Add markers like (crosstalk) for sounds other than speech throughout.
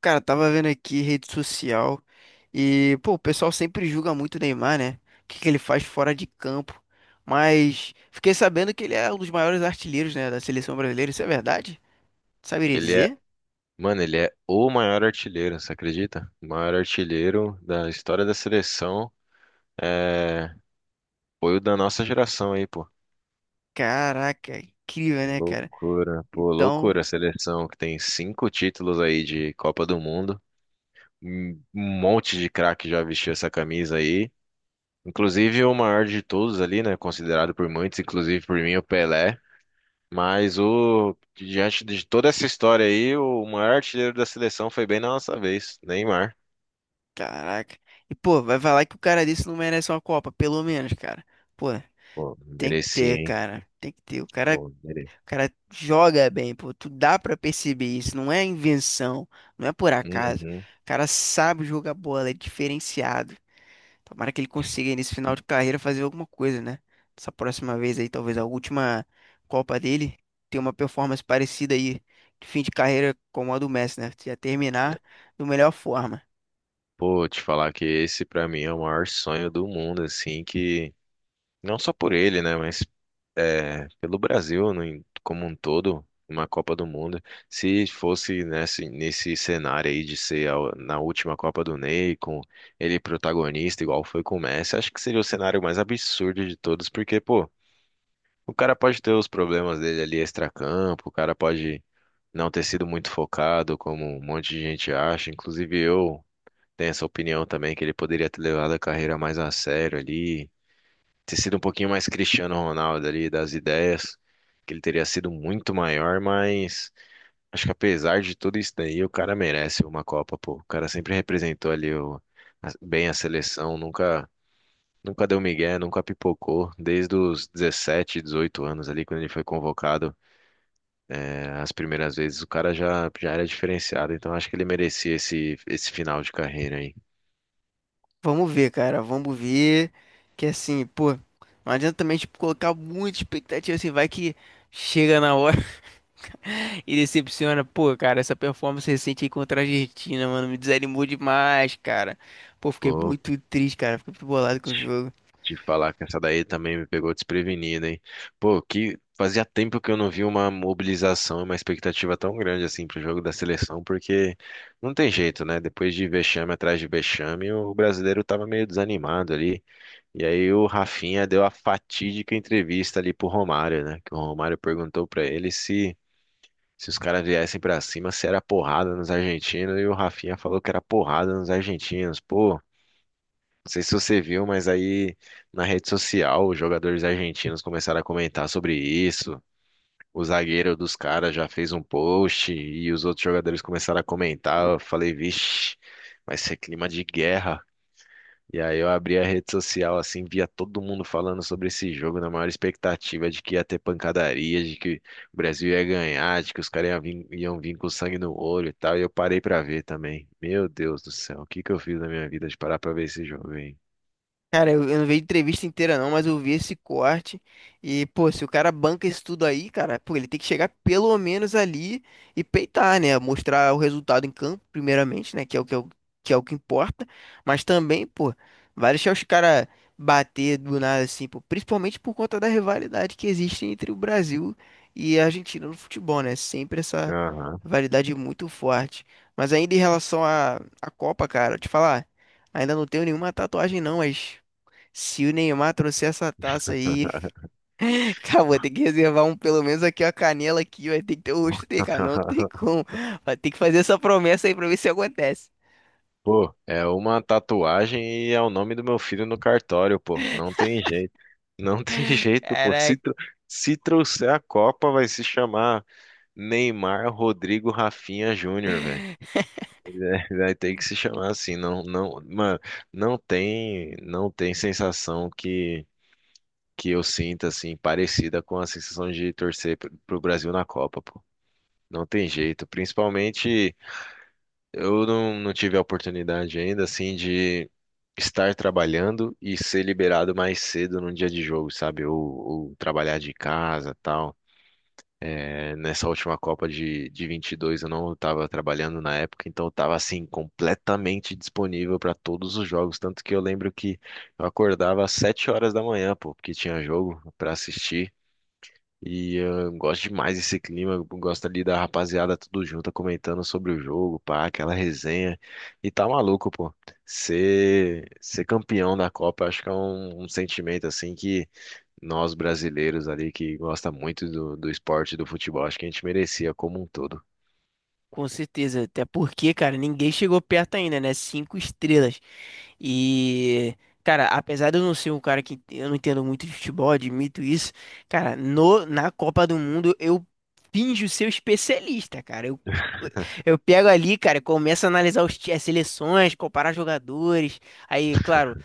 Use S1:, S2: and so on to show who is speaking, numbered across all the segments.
S1: Cara, tava vendo aqui rede social e, pô, o pessoal sempre julga muito o Neymar, né? O que que ele faz fora de campo. Mas fiquei sabendo que ele é um dos maiores artilheiros, né, da seleção brasileira. Isso é verdade? Saberia
S2: Ele é,
S1: dizer?
S2: mano, ele é o maior artilheiro, você acredita? O maior artilheiro da história da seleção é, foi o da nossa geração aí, pô.
S1: Caraca, incrível, né, cara?
S2: Loucura, pô,
S1: Então,
S2: loucura a seleção que tem cinco títulos aí de Copa do Mundo. Um monte de craque já vestiu essa camisa aí. Inclusive o maior de todos ali, né? Considerado por muitos, inclusive por mim, o Pelé. Mas o diante de toda essa história aí, o maior artilheiro da seleção foi bem na nossa vez, Neymar.
S1: caraca. E, pô, vai falar que o cara desse não merece uma Copa, pelo menos, cara. Pô,
S2: Pô,
S1: tem que
S2: merecia,
S1: ter,
S2: hein?
S1: cara. Tem que ter. O cara
S2: Bom, beleza.
S1: joga bem, pô. Tu dá pra perceber isso. Não é invenção, não é por acaso.
S2: Uhum.
S1: O cara sabe jogar bola, é diferenciado. Tomara que ele consiga nesse final de carreira fazer alguma coisa, né? Essa próxima vez aí, talvez a última Copa dele, ter uma performance parecida aí de fim de carreira como a do Messi, né? Já terminar da melhor forma.
S2: Pô, te falar que esse pra mim é o maior sonho do mundo, assim, que não só por ele, né, mas é, pelo Brasil como um todo, uma Copa do Mundo. Se fosse nesse cenário aí de ser na última Copa do Ney, com ele protagonista, igual foi com o Messi, acho que seria o cenário mais absurdo de todos, porque, pô, o cara pode ter os problemas dele ali extracampo, o cara pode não ter sido muito focado, como um monte de gente acha, inclusive eu. Tem essa opinião também que ele poderia ter levado a carreira mais a sério ali, ter sido um pouquinho mais Cristiano Ronaldo ali, das ideias, que ele teria sido muito maior, mas acho que apesar de tudo isso daí, o cara merece uma Copa, pô. O cara sempre representou ali bem a seleção, nunca, nunca deu migué, nunca pipocou, desde os 17, 18 anos ali, quando ele foi convocado, as primeiras vezes, o cara já era diferenciado, então acho que ele merecia esse final de carreira aí.
S1: Vamos ver, cara. Vamos ver. Que assim, pô, não adianta também, tipo, colocar muita expectativa assim, vai que chega na hora. E decepciona, pô, cara, essa performance recente aí contra a Argentina, mano, me desanimou demais, cara. Pô, fiquei
S2: Pô,
S1: muito triste, cara, fiquei muito bolado com o jogo.
S2: te falar que essa daí também me pegou desprevenida, hein? Pô, que fazia tempo que eu não vi uma mobilização e uma expectativa tão grande assim pro jogo da seleção, porque não tem jeito, né? Depois de vexame atrás de vexame, o brasileiro tava meio desanimado ali. E aí o Rafinha deu a fatídica entrevista ali pro Romário, né? Que o Romário perguntou pra ele se os caras viessem pra cima, se era porrada nos argentinos, e o Rafinha falou que era porrada nos argentinos. Pô, não sei se você viu, mas aí na rede social os jogadores argentinos começaram a comentar sobre isso. O zagueiro dos caras já fez um post e os outros jogadores começaram a comentar. Eu falei, vixe, vai ser clima de guerra. E aí eu abri a rede social assim, via todo mundo falando sobre esse jogo, na maior expectativa de que ia ter pancadaria, de que o Brasil ia ganhar, de que os caras iam vir com sangue no olho e tal. E eu parei pra ver também. Meu Deus do céu, o que que eu fiz na minha vida de parar pra ver esse jogo, hein?
S1: Cara, eu não vi a entrevista inteira não, mas eu vi esse corte. E, pô, se o cara banca isso tudo aí, cara, pô, ele tem que chegar pelo menos ali e peitar, né? Mostrar o resultado em campo, primeiramente, né? Que é o que importa. Mas também, pô, vai deixar os caras bater do nada, assim, pô, principalmente por conta da rivalidade que existe entre o Brasil e a Argentina no futebol, né? Sempre essa
S2: Aham.
S1: rivalidade muito forte. Mas ainda em relação à Copa, cara, eu te falar. Ainda não tenho nenhuma tatuagem, não, mas se o Neymar trouxer essa taça aí, (laughs) cara, vou ter que reservar um, pelo menos aqui, a canela aqui, vai ter que ter o rosto dele, cara, não tem
S2: (laughs)
S1: como. Vai ter que fazer essa promessa aí pra ver se acontece.
S2: Pô, é uma tatuagem e é o nome do meu filho no cartório, pô. Não tem jeito. Não (laughs) tem jeito, pô.
S1: Caraca.
S2: Se trouxer a Copa, vai se chamar Neymar Rodrigo Rafinha Júnior, velho. (laughs) Vai ter que se chamar assim. Não, não, mano, não tem sensação que eu sinta, assim, parecida com a sensação de torcer pro Brasil na Copa, pô. Não tem jeito. Principalmente. Eu não tive a oportunidade ainda, assim, de estar trabalhando e ser liberado mais cedo num dia de jogo, sabe? Ou trabalhar de casa, tal. É, nessa última Copa de 22 eu não estava trabalhando na época, então eu estava, assim, completamente disponível para todos os jogos. Tanto que eu lembro que eu acordava às 7 horas da manhã, pô, porque tinha jogo para assistir. E eu gosto demais desse clima, eu gosto ali da rapaziada tudo junto comentando sobre o jogo, pá, aquela resenha. E tá maluco, pô. Ser campeão da Copa, acho que é um sentimento assim que nós brasileiros ali que gosta muito do esporte, do futebol, acho que a gente merecia como um todo.
S1: Com certeza, até porque, cara, ninguém chegou perto ainda, né? Cinco estrelas. E, cara, apesar de eu não ser um cara que eu não entendo muito de futebol, admito isso, cara, no, na Copa do Mundo eu finjo ser o especialista, cara. Eu pego ali, cara, começo a analisar as seleções, comparar jogadores. Aí, claro,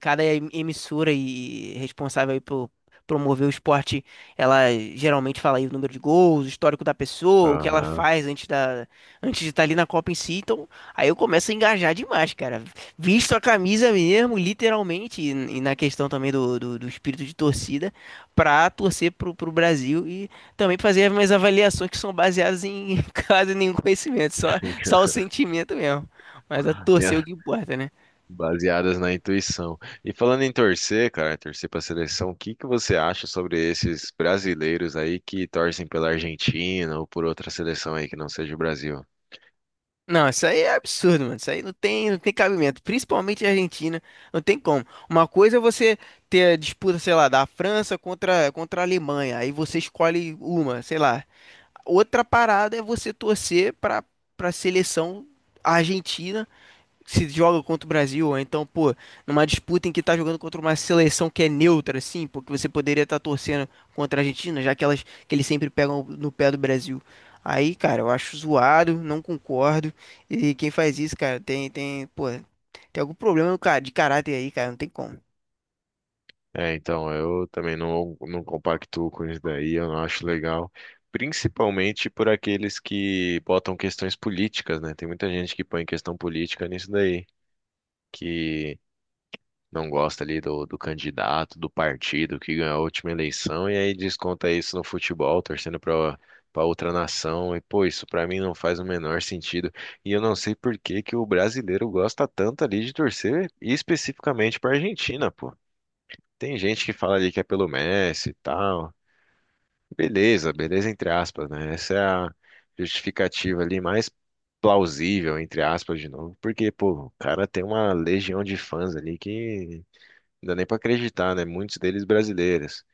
S1: cada emissora e responsável aí por promover o esporte, ela geralmente fala aí o número de gols, o histórico da pessoa, o que ela
S2: Aham.
S1: faz antes de estar ali na Copa em si. Então, aí eu começo a engajar demais, cara. Visto a camisa mesmo, literalmente, e, na questão também do espírito de torcida, pra torcer pro Brasil e também fazer as minhas avaliações que são baseadas em (laughs) quase nenhum conhecimento, só, só o
S2: (laughs)
S1: sentimento mesmo. Mas a torcer é o
S2: Ia
S1: que importa, né?
S2: baseadas na intuição. E falando em torcer, cara, torcer para a seleção, o que que você acha sobre esses brasileiros aí que torcem pela Argentina ou por outra seleção aí que não seja o Brasil?
S1: Não, isso aí é absurdo, mano. Isso aí não tem cabimento. Principalmente a Argentina, não tem como. Uma coisa é você ter a disputa, sei lá, da França contra a Alemanha. Aí você escolhe uma, sei lá. Outra parada é você torcer pra para seleção argentina se joga contra o Brasil, ou então, pô, numa disputa em que tá jogando contra uma seleção que é neutra, assim, porque você poderia estar torcendo contra a Argentina, já que elas que eles sempre pegam no pé do Brasil. Aí, cara, eu acho zoado, não concordo. E quem faz isso, cara, pô, tem algum problema, cara, de caráter aí, cara, não tem como.
S2: É, então, eu também não compactuo com isso daí, eu não acho legal. Principalmente por aqueles que botam questões políticas, né? Tem muita gente que põe questão política nisso daí. Que não gosta ali do candidato, do partido que ganhou a última eleição e aí desconta isso no futebol, torcendo para outra nação. E pô, isso para mim não faz o menor sentido. E eu não sei por que que o brasileiro gosta tanto ali de torcer e especificamente para Argentina, pô. Tem gente que fala ali que é pelo Messi e tal. Beleza, beleza entre aspas, né? Essa é a justificativa ali mais plausível, entre aspas, de novo, porque, pô, o cara tem uma legião de fãs ali que não dá nem pra acreditar, né? Muitos deles brasileiros.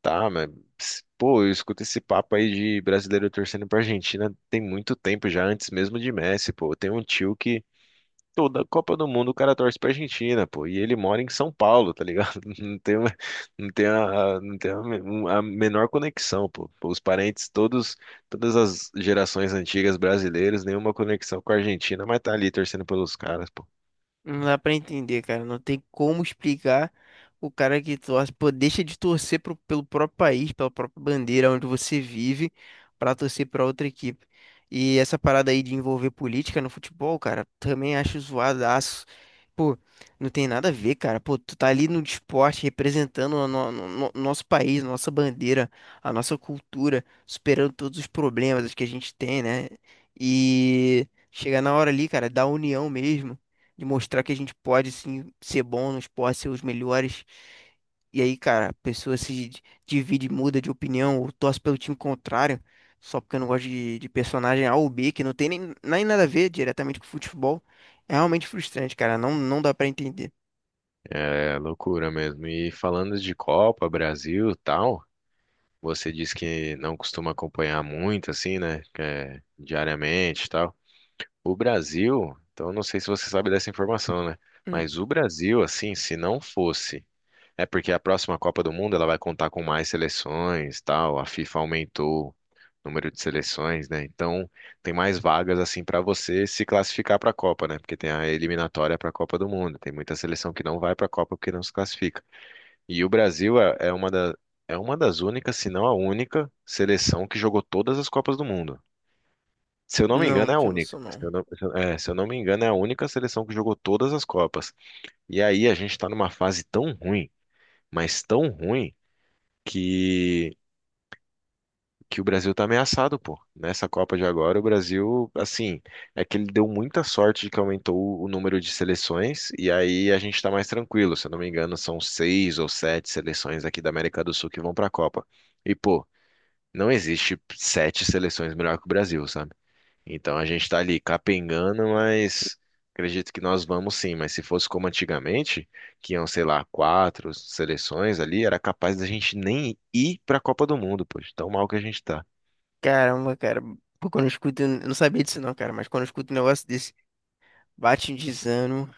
S2: Tá, mas, pô, eu escuto esse papo aí de brasileiro torcendo pra Argentina tem muito tempo já, antes mesmo de Messi, pô. Tem um tio que toda Copa do Mundo o cara torce pra Argentina, pô. E ele mora em São Paulo, tá ligado? (laughs) Não tem, uma- não tem, a- não tem a, me- um- A menor conexão, pô. Pô, os parentes, todos, todas as gerações antigas brasileiras, nenhuma conexão com a Argentina, mas tá ali torcendo pelos caras, pô.
S1: Não dá pra entender, cara. Não tem como explicar o cara que torce, pô, deixa de torcer pelo próprio país, pela própria bandeira onde você vive, pra torcer pra outra equipe. E essa parada aí de envolver política no futebol, cara, também acho zoadaço. Pô, não tem nada a ver, cara. Pô, tu tá ali no esporte representando o no- no- no- nosso país, nossa bandeira, a nossa cultura, superando todos os problemas que a gente tem, né? E chega na hora ali, cara, da união mesmo de mostrar que a gente pode sim ser bom no esporte, ser os melhores. E aí, cara, a pessoa se di- divide, muda de opinião, ou torce pelo time contrário, só porque eu não gosto de personagem A ou B, que não tem nem nada a ver diretamente com futebol. É realmente frustrante, cara. Não, não dá pra entender.
S2: É loucura mesmo. E falando de Copa, Brasil, tal. Você diz que não costuma acompanhar muito, assim, né? Que é, diariamente e tal. O Brasil, então eu não sei se você sabe dessa informação, né?
S1: Hum.
S2: Mas o Brasil, assim, se não fosse. É porque a próxima Copa do Mundo ela vai contar com mais seleções, tal. A FIFA aumentou o número de seleções, né? Então tem mais vagas assim para você se classificar para a Copa, né? Porque tem a eliminatória para a Copa do Mundo. Tem muita seleção que não vai para a Copa porque não se classifica. E o Brasil é é uma das únicas, se não a única, seleção que jogou todas as Copas do Mundo. Se eu não me
S1: Não,
S2: engano,
S1: não
S2: é a
S1: tinha
S2: única.
S1: noção, não.
S2: Se eu não me engano, é a única seleção que jogou todas as Copas. E aí a gente está numa fase tão ruim, mas tão ruim, que, que o Brasil tá ameaçado, pô. Nessa Copa de agora, o Brasil, assim, é que ele deu muita sorte de que aumentou o número de seleções, e aí a gente tá mais tranquilo. Se eu não me engano, são seis ou sete seleções aqui da América do Sul que vão pra Copa. E, pô, não existe sete seleções melhor que o Brasil, sabe? Então a gente tá ali capengando, mas acredito que nós vamos sim. Mas se fosse como antigamente, que iam, sei lá, quatro seleções ali, era capaz da gente nem ir pra Copa do Mundo, pô, de tão mal que a gente tá.
S1: Caramba, cara. Pô, quando eu escuto, eu não sabia disso, não, cara, mas quando eu escuto um negócio desse, bate um desânimo.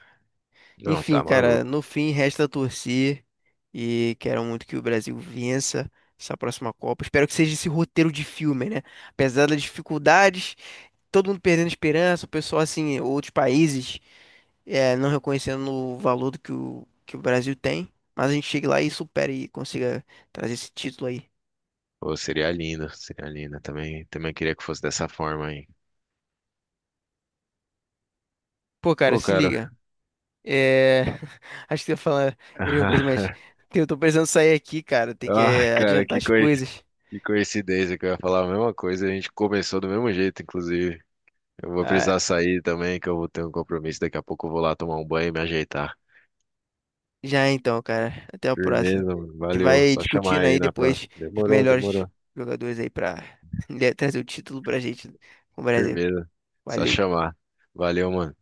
S2: Não,
S1: Enfim,
S2: tá
S1: cara,
S2: maluco.
S1: no fim resta torcer e quero muito que o Brasil vença essa próxima Copa. Espero que seja esse roteiro de filme, né? Apesar das dificuldades, todo mundo perdendo esperança, o pessoal assim, outros países não reconhecendo o valor do que o Brasil tem, mas a gente chega lá e supera e consiga trazer esse título aí.
S2: Pô, seria lindo, seria lindo. Também, também queria que fosse dessa forma aí.
S1: Pô, cara,
S2: Pô,
S1: se
S2: cara.
S1: liga. É... (laughs) Acho que eu ia falar a mesma coisa,
S2: (laughs)
S1: mas eu tô precisando sair aqui, cara. Tem que
S2: Ah, cara,
S1: adiantar
S2: que
S1: as
S2: coisa.
S1: coisas.
S2: Que coincidência que eu ia falar a mesma coisa, a gente começou do mesmo jeito, inclusive. Eu vou
S1: Ah,
S2: precisar sair também, que eu vou ter um compromisso. Daqui a pouco eu vou lá tomar um banho e me ajeitar.
S1: já então, cara. Até a próxima.
S2: Firmeza, mano.
S1: A gente
S2: Valeu.
S1: vai
S2: Só chamar
S1: discutindo
S2: aí
S1: aí
S2: na próxima.
S1: depois os
S2: Demorou,
S1: melhores
S2: demorou.
S1: jogadores aí pra (laughs) trazer o título pra gente com o Brasil.
S2: Firmeza. Só
S1: Valeu.
S2: chamar. Valeu, mano.